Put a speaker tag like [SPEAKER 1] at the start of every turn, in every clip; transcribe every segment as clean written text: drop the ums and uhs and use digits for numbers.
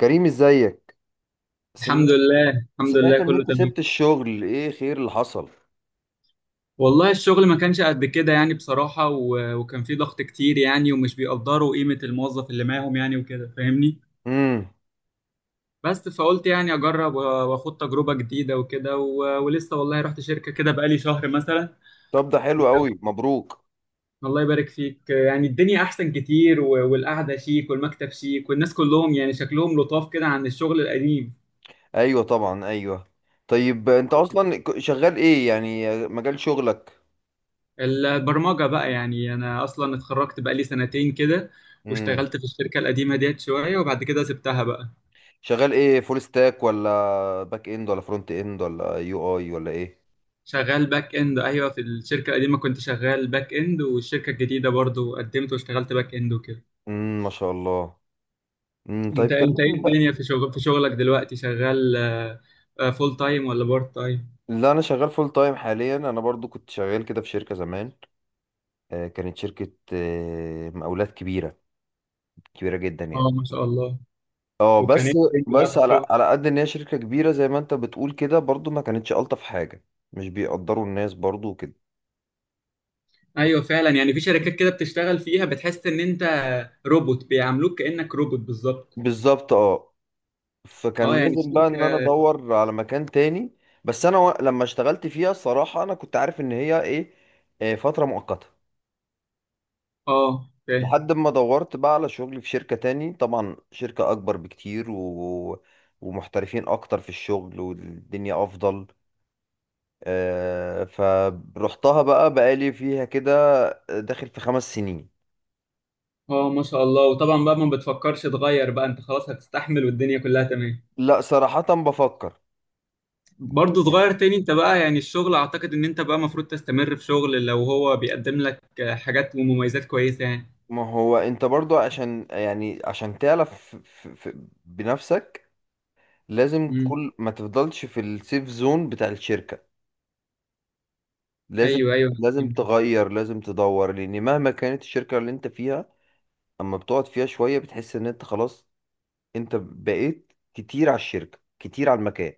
[SPEAKER 1] كريم، ازيك؟ سم...
[SPEAKER 2] الحمد لله الحمد لله
[SPEAKER 1] سمعت ان
[SPEAKER 2] كله
[SPEAKER 1] انت
[SPEAKER 2] تمام.
[SPEAKER 1] سبت الشغل، ايه خير اللي حصل؟
[SPEAKER 2] والله الشغل ما كانش قد كده يعني بصراحة وكان في ضغط كتير يعني، ومش بيقدروا قيمة الموظف اللي معاهم يعني وكده، فاهمني.
[SPEAKER 1] امم.
[SPEAKER 2] بس فقلت يعني أجرب وآخد تجربة جديدة وكده، ولسه والله رحت شركة كده بقالي شهر مثلا.
[SPEAKER 1] طب، ده
[SPEAKER 2] و...
[SPEAKER 1] حلو قوي، مبروك.
[SPEAKER 2] الله يبارك فيك، يعني الدنيا أحسن كتير والقعدة شيك والمكتب شيك والناس كلهم يعني شكلهم لطاف كده عن الشغل القديم.
[SPEAKER 1] ايوه طبعا، ايوه. طيب، انت اصلا شغال ايه يعني، مجال شغلك؟
[SPEAKER 2] البرمجة بقى، يعني أنا أصلا اتخرجت بقى لي سنتين كده.
[SPEAKER 1] امم.
[SPEAKER 2] واشتغلت في الشركة القديمة ديت شوية وبعد كده سبتها بقى.
[SPEAKER 1] شغال ايه، فول ستاك ولا باك اند ولا فرونت اند ولا يو اي ولا ايه؟
[SPEAKER 2] شغال باك إند، أيوه، في الشركة القديمة كنت شغال باك إند، والشركة الجديدة برضو قدمت واشتغلت باك إند وكده.
[SPEAKER 1] امم، ما شاء الله. امم، طيب
[SPEAKER 2] أنت إيه
[SPEAKER 1] كلمني
[SPEAKER 2] الدنيا؟
[SPEAKER 1] بقى.
[SPEAKER 2] في شغلك دلوقتي شغال فول تايم ولا بارت تايم؟
[SPEAKER 1] لا، انا شغال فول تايم حاليا. انا برضو كنت شغال كده في شركة زمان. كانت شركة مقاولات كبيرة، كبيرة جدا يعني.
[SPEAKER 2] اه، ما شاء الله.
[SPEAKER 1] اه
[SPEAKER 2] وكان
[SPEAKER 1] بس.
[SPEAKER 2] ايه الدنيا بقى
[SPEAKER 1] بس
[SPEAKER 2] في
[SPEAKER 1] على
[SPEAKER 2] الشغل؟
[SPEAKER 1] على قد ان هي شركة كبيرة زي ما انت بتقول، كده برضو ما كانتش ألطف حاجة. مش بيقدروا الناس برضو وكده.
[SPEAKER 2] ايوه فعلا، يعني في شركات كده بتشتغل فيها بتحس ان انت روبوت، بيعاملوك كانك روبوت بالظبط.
[SPEAKER 1] بالظبط، اه.
[SPEAKER 2] اه
[SPEAKER 1] فكان
[SPEAKER 2] يعني
[SPEAKER 1] لازم بقى ان انا
[SPEAKER 2] الشركه.
[SPEAKER 1] ادور على مكان تاني. بس انا لما اشتغلت فيها، الصراحة انا كنت عارف ان هي ايه، فترة مؤقتة.
[SPEAKER 2] اه فاهم.
[SPEAKER 1] لحد ما دورت بقى على شغل في شركة تاني، طبعا شركة اكبر بكتير ومحترفين اكتر في الشغل، والدنيا افضل. فروحتها بقى، بقالي فيها كده داخل في 5 سنين.
[SPEAKER 2] اه ما شاء الله. وطبعا بقى ما بتفكرش تغير بقى، انت خلاص هتستحمل والدنيا كلها تمام؟
[SPEAKER 1] لا، صراحة بفكر.
[SPEAKER 2] برضه صغير تاني انت بقى، يعني الشغل اعتقد ان انت بقى المفروض تستمر في شغل لو هو بيقدم لك حاجات ومميزات كويسة يعني.
[SPEAKER 1] ما هو انت برضو، عشان يعني عشان تعرف بنفسك، لازم
[SPEAKER 2] امم.
[SPEAKER 1] كل ما تفضلش في السيف زون بتاع الشركة. لازم.
[SPEAKER 2] ايوه ايوه
[SPEAKER 1] لازم
[SPEAKER 2] فهمتك.
[SPEAKER 1] تغير، لازم تدور، لان مهما كانت الشركة اللي انت فيها، اما بتقعد فيها شوية، بتحس ان انت خلاص. انت بقيت كتير على الشركة، كتير على المكان.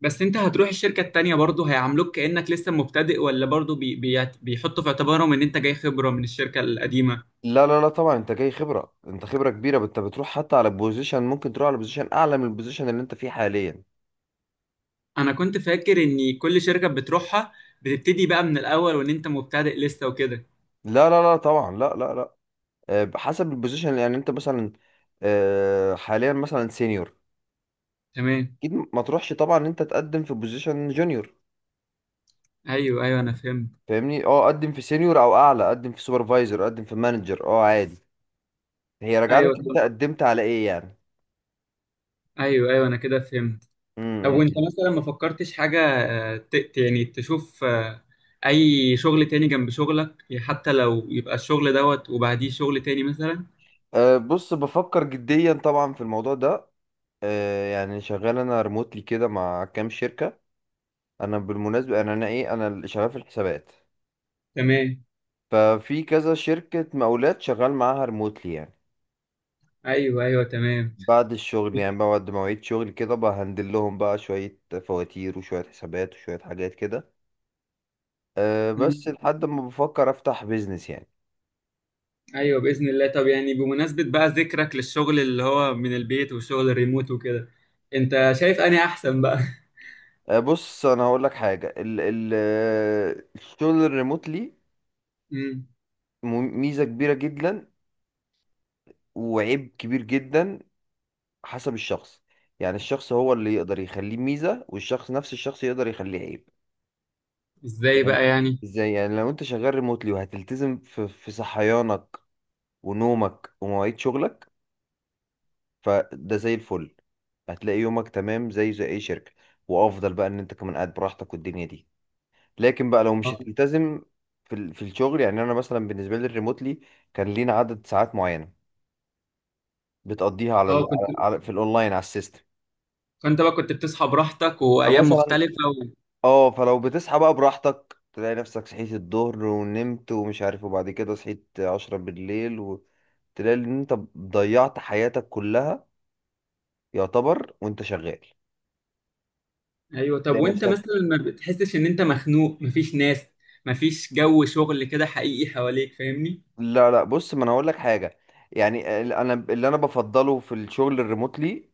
[SPEAKER 2] بس انت هتروح الشركة التانية برضه هيعاملوك كأنك لسه مبتدئ، ولا برضه بيحطوا في اعتبارهم ان انت جاي خبرة من الشركة القديمة؟
[SPEAKER 1] لا لا لا، طبعا انت جاي خبرة، انت خبرة كبيرة، انت بتروح حتى على بوزيشن، ممكن تروح على بوزيشن اعلى من البوزيشن اللي انت فيه حاليا.
[SPEAKER 2] انا كنت فاكر ان كل شركة بتروحها بتبتدي بقى من الاول، وان انت مبتدئ لسه وكده.
[SPEAKER 1] لا لا لا طبعا، لا لا لا. حسب البوزيشن يعني، انت مثلا حاليا مثلا سينيور.
[SPEAKER 2] تمام.
[SPEAKER 1] اكيد ما تروحش طبعا ان انت تقدم في بوزيشن جونيور.
[SPEAKER 2] ايوه ايوه انا فهمت.
[SPEAKER 1] فاهمني، اه. قدم في سينيور او اعلى، قدم في سوبرفايزر، قدم في مانجر، اه، عادي. هي راجعه لك،
[SPEAKER 2] ايوه
[SPEAKER 1] انت قدمت على ايه يعني.
[SPEAKER 2] ايوه ايوه انا كده فهمت. طب وانت
[SPEAKER 1] امم.
[SPEAKER 2] مثلا ما فكرتش حاجه، يعني تشوف اي شغل تاني جنب شغلك؟ يعني حتى لو يبقى الشغل دوت وبعديه شغل تاني مثلا.
[SPEAKER 1] أه، بص، بفكر جديا طبعا في الموضوع ده. أه، يعني شغال انا ريموتلي كده مع كام شركة. انا بالمناسبه، انا اللي شغال في الحسابات.
[SPEAKER 2] تمام.
[SPEAKER 1] ففي كذا شركه مقاولات شغال معاها ريموتلي يعني.
[SPEAKER 2] ايوه ايوه تمام.
[SPEAKER 1] بعد الشغل يعني، بعد مواعيد شغل كده، بهندل لهم بقى شويه فواتير وشويه حسابات وشويه حاجات كده. أه
[SPEAKER 2] مم.
[SPEAKER 1] بس، لحد ما بفكر افتح بيزنس يعني.
[SPEAKER 2] ايوه باذن الله. طب يعني بمناسبه بقى ذكرك للشغل اللي هو من البيت والشغل الريموت وكده، انت شايف اني احسن بقى؟
[SPEAKER 1] أه، بص، انا هقول لك حاجه، ال ال آه، الشغل الريموتلي
[SPEAKER 2] مم.
[SPEAKER 1] م- ميزه كبيره جدا وعيب كبير جدا. حسب الشخص. يعني الشخص هو اللي يقدر يخليه ميزه، والشخص نفس الشخص يقدر يخليه عيب.
[SPEAKER 2] ازاي بقى
[SPEAKER 1] يعني
[SPEAKER 2] يعني؟
[SPEAKER 1] ازاي؟ يعني لو انت شغال ريموتلي، وهتلتزم في صحيانك ونومك ومواعيد شغلك، فده زي الفل. هتلاقي يومك تمام زي اي شركة. وافضل بقى ان انت كمان قاعد براحتك والدنيا دي. لكن بقى لو مش
[SPEAKER 2] اه.
[SPEAKER 1] هتلتزم في الشغل، يعني انا مثلا بالنسبة لي الريموتلي، كان لينا عدد ساعات معينة بتقضيها
[SPEAKER 2] آه، كنت
[SPEAKER 1] في الاونلاين على السيستم.
[SPEAKER 2] فانت بقى كنت بتصحى براحتك وايام
[SPEAKER 1] فمثلا،
[SPEAKER 2] مختلفه؟
[SPEAKER 1] اه، فلو بتصحى بقى براحتك، تلاقي نفسك صحيت الظهر ونمت ومش عارف، وبعد كده صحيت 10 بالليل. تلاقي ان انت ضيعت حياتك كلها، يعتبر، وانت شغال.
[SPEAKER 2] ايوه. طب
[SPEAKER 1] تلاقي
[SPEAKER 2] وانت
[SPEAKER 1] نفسك.
[SPEAKER 2] مثلا ما بتحسش ان انت مخنوق، مفيش ناس، مفيش جو شغل كده حقيقي حواليك؟ فاهمني.
[SPEAKER 1] لا لا، بص، ما انا هقول لك حاجه. يعني انا اللي انا بفضله في الشغل الريموتلي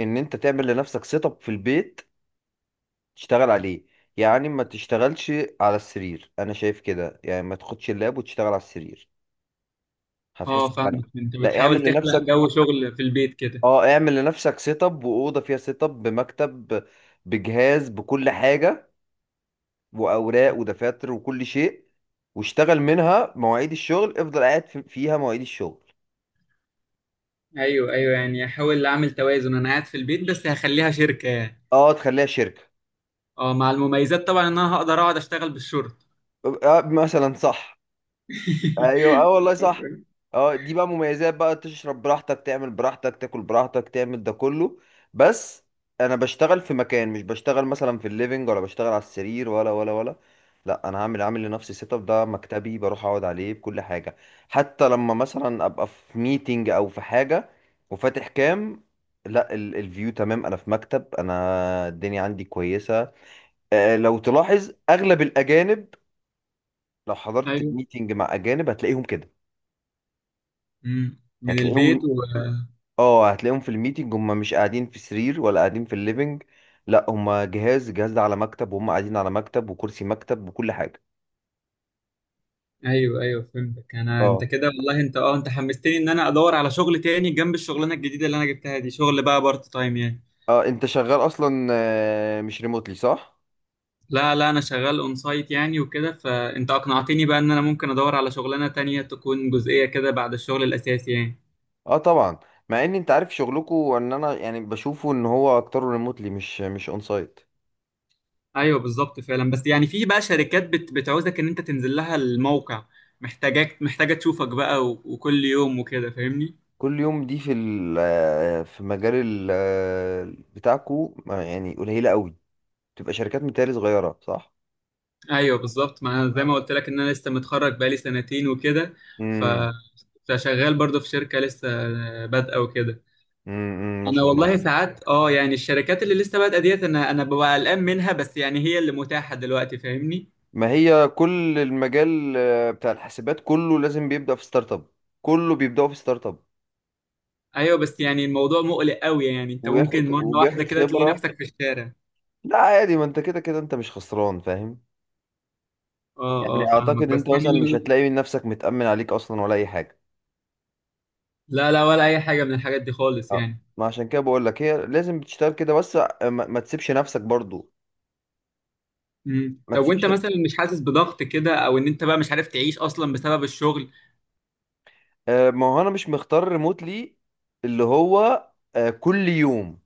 [SPEAKER 1] ان انت تعمل لنفسك سيت اب في البيت، تشتغل عليه. يعني ما تشتغلش على السرير. انا شايف كده يعني، ما تاخدش اللاب وتشتغل على السرير. هتحس
[SPEAKER 2] اه
[SPEAKER 1] بفرق.
[SPEAKER 2] فاهمك، انت
[SPEAKER 1] لا،
[SPEAKER 2] بتحاول
[SPEAKER 1] اعمل
[SPEAKER 2] تخلق
[SPEAKER 1] لنفسك.
[SPEAKER 2] جو شغل في البيت كده؟
[SPEAKER 1] اه، اعمل لنفسك سيت اب، واوضه فيها سيت اب بمكتب بجهاز بكل حاجه، واوراق ودفاتر وكل شيء. واشتغل منها مواعيد الشغل، افضل قاعد فيها مواعيد الشغل.
[SPEAKER 2] ايوه ايوه، يعني احاول اعمل توازن، انا قاعد في البيت بس هخليها شركه يعني.
[SPEAKER 1] اه، تخليها شركه،
[SPEAKER 2] اه، مع المميزات طبعا ان انا هقدر اقعد اشتغل بالشورت.
[SPEAKER 1] ابقى مثلا صح. ايوه، اه والله صح. اه، دي بقى مميزات بقى، تشرب براحتك، تعمل براحتك، تاكل براحتك، تعمل ده كله. بس انا بشتغل في مكان، مش بشتغل مثلا في الليفينج، ولا بشتغل على السرير، ولا. لا، انا عامل لنفسي سيت اب، ده مكتبي، بروح اقعد عليه بكل حاجه. حتى لما مثلا ابقى في ميتنج او في حاجه وفاتح كام، لا، الفيو تمام، انا في مكتب، انا الدنيا عندي كويسه. لو تلاحظ اغلب الاجانب، لو حضرت
[SPEAKER 2] ايوه.
[SPEAKER 1] ميتنج مع اجانب، هتلاقيهم كده.
[SPEAKER 2] امم، من البيت
[SPEAKER 1] هتلاقيهم اه هتلاقيهم في الميتنج، هم مش قاعدين في سرير، ولا قاعدين في الليفينج. لا، هم الجهاز ده على مكتب، وهم قاعدين على مكتب وكرسي مكتب وكل حاجة.
[SPEAKER 2] ايوه ايوه فهمتك. انت
[SPEAKER 1] اه،
[SPEAKER 2] كده والله، انت حمستني ان انا ادور على شغل تاني جنب الشغلانه الجديده اللي انا جبتها دي، شغل بقى بارت تايم يعني.
[SPEAKER 1] اه. انت شغال اصلا مش ريموتلي، صح؟
[SPEAKER 2] لا لا انا شغال اون سايت يعني وكده، فانت اقنعتني بقى ان انا ممكن ادور على شغلانه تانية تكون جزئيه كده بعد الشغل الاساسي يعني.
[SPEAKER 1] اه، طبعا. مع ان انت عارف شغلكو، ان انا يعني بشوفه ان هو اكتره ريموتلي، مش اون سايت.
[SPEAKER 2] ايوه بالظبط فعلا، بس يعني في بقى شركات بتعوزك ان انت تنزل لها الموقع، محتاجاك، محتاجه تشوفك بقى وكل يوم وكده، فاهمني؟
[SPEAKER 1] كل يوم دي في ال آه، في مجال ال آه، بتاعكو، ما يعني قليله قوي. تبقى شركات متهيألي صغيره، صح؟
[SPEAKER 2] ايوه بالظبط، ما أنا زي ما قلت لك ان انا لسه متخرج بقالي سنتين وكده. ف
[SPEAKER 1] امم.
[SPEAKER 2] فشغال برضه في شركه لسه بادئه وكده.
[SPEAKER 1] امم، ما
[SPEAKER 2] انا
[SPEAKER 1] شاء الله.
[SPEAKER 2] والله ساعات اه، يعني الشركات اللي لسه بادئه ديت، انا ببقى قلقان منها، بس يعني هي اللي متاحه دلوقتي، فاهمني.
[SPEAKER 1] ما هي كل المجال بتاع الحاسبات كله لازم بيبدأ في ستارت اب. كله بيبدأوا في ستارت اب.
[SPEAKER 2] ايوه بس يعني الموضوع مقلق قوي، يعني انت ممكن
[SPEAKER 1] وياخد
[SPEAKER 2] مره
[SPEAKER 1] وبياخد
[SPEAKER 2] واحده كده تلاقي
[SPEAKER 1] خبرة.
[SPEAKER 2] نفسك في الشارع.
[SPEAKER 1] لا، عادي، ما انت كده كده انت مش خسران، فاهم.
[SPEAKER 2] اه اه
[SPEAKER 1] يعني
[SPEAKER 2] فاهمك
[SPEAKER 1] اعتقد
[SPEAKER 2] بس
[SPEAKER 1] انت مثلا
[SPEAKER 2] يعني
[SPEAKER 1] مش هتلاقي نفسك متأمن عليك اصلا ولا اي حاجة.
[SPEAKER 2] لا لا، ولا اي حاجه من الحاجات دي خالص
[SPEAKER 1] اه.
[SPEAKER 2] يعني.
[SPEAKER 1] ما عشان كده بقول لك، هي لازم بتشتغل كده، بس ما تسيبش نفسك برضو.
[SPEAKER 2] امم.
[SPEAKER 1] ما
[SPEAKER 2] طب وانت
[SPEAKER 1] تسيبش.
[SPEAKER 2] مثلا مش حاسس بضغط كده، او ان انت بقى مش عارف تعيش اصلا بسبب الشغل؟
[SPEAKER 1] ما هو انا مش مختار ريموتلي اللي هو كل يوم.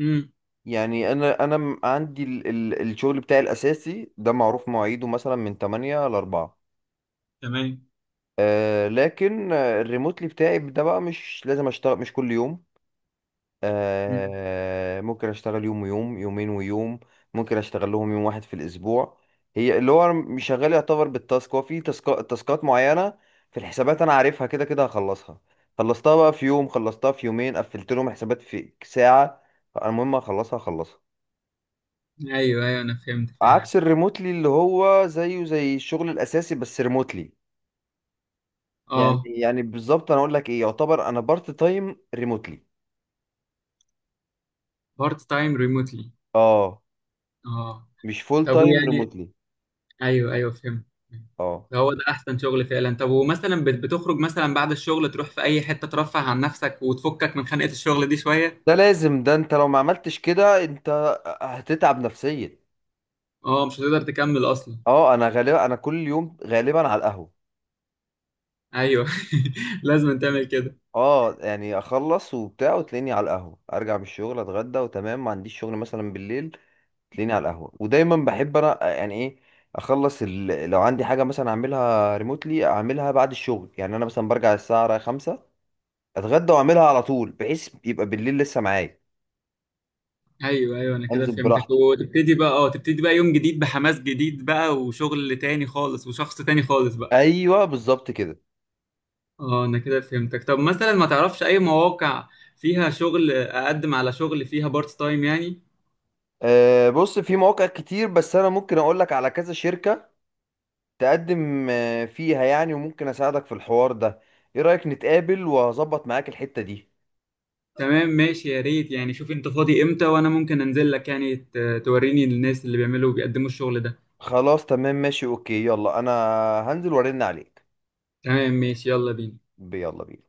[SPEAKER 2] امم.
[SPEAKER 1] يعني انا عندي ال الشغل بتاعي الاساسي، ده معروف مواعيده مثلا من 8 ل 4.
[SPEAKER 2] تمام.
[SPEAKER 1] آه، لكن الريموتلي بتاعي ده بقى مش لازم اشتغل مش كل يوم.
[SPEAKER 2] مم.
[SPEAKER 1] آه، ممكن اشتغل يوم ويوم، يومين ويوم. ممكن اشتغل لهم يوم واحد في الاسبوع. هي اللي هو أنا مش شغال يعتبر بالتاسك، هو في تاسكات معينة في الحسابات انا عارفها كده كده هخلصها. خلصتها بقى في يوم، خلصتها في يومين، قفلت لهم حسابات في ساعة. المهم اخلصها اخلصها.
[SPEAKER 2] ايوه ايوه انا فهمت فعلا.
[SPEAKER 1] عكس الريموتلي اللي هو زيه زي الشغل الاساسي، بس ريموتلي. يعني
[SPEAKER 2] اه.
[SPEAKER 1] يعني بالظبط، انا اقول لك ايه، يعتبر انا بارت تايم ريموتلي.
[SPEAKER 2] بارت تايم ريموتلي.
[SPEAKER 1] اه،
[SPEAKER 2] اه.
[SPEAKER 1] مش فول
[SPEAKER 2] طب
[SPEAKER 1] تايم
[SPEAKER 2] ويعني
[SPEAKER 1] ريموتلي.
[SPEAKER 2] ايوه ايوه فهمت.
[SPEAKER 1] اه.
[SPEAKER 2] هو ده احسن شغل فعلا. طب ومثلا بتخرج مثلا بعد الشغل تروح في اي حتة ترفه عن نفسك وتفكك من خنقة الشغل دي شوية؟
[SPEAKER 1] ده لازم. ده انت لو ما عملتش كده، انت هتتعب نفسيا.
[SPEAKER 2] اه مش هتقدر تكمل اصلا.
[SPEAKER 1] اه، انا غالبا، انا كل يوم غالبا على القهوه.
[SPEAKER 2] ايوه. لازم تعمل كده.
[SPEAKER 1] اه يعني، اخلص وبتاع وتلاقيني على القهوه، ارجع من الشغل، اتغدى، وتمام. ما عنديش شغل مثلا بالليل، تلاقيني على القهوة. ودايما بحب انا يعني ايه، اخلص لو عندي حاجة مثلا اعملها ريموتلي، اعملها بعد الشغل. يعني انا مثلا برجع الساعة 5، اتغدى واعملها على طول، بحيث يبقى بالليل لسه معايا.
[SPEAKER 2] ايوه ايوه انا كده
[SPEAKER 1] انزل
[SPEAKER 2] فهمتك.
[SPEAKER 1] براحتي.
[SPEAKER 2] وتبتدي بقى اه تبتدي بقى يوم جديد بحماس جديد بقى، وشغل تاني خالص وشخص تاني خالص بقى.
[SPEAKER 1] ايوه بالظبط كده.
[SPEAKER 2] اه انا كده فهمتك. طب مثلا ما تعرفش اي مواقع فيها شغل اقدم على شغل فيها بارت تايم يعني؟
[SPEAKER 1] أه، بص، في مواقع كتير، بس انا ممكن اقول لك على كذا شركة تقدم فيها يعني، وممكن اساعدك في الحوار ده. ايه رأيك نتقابل، وهظبط معاك الحتة دي؟
[SPEAKER 2] تمام ماشي، يا ريت يعني. شوف انت فاضي امتى، وانا ممكن انزل لك يعني، توريني الناس اللي بيعملوا بيقدموا الشغل ده.
[SPEAKER 1] خلاص، تمام، ماشي، اوكي، يلا. انا هنزل وارن عليك.
[SPEAKER 2] تمام ماشي، يلا بينا.
[SPEAKER 1] يلا بينا.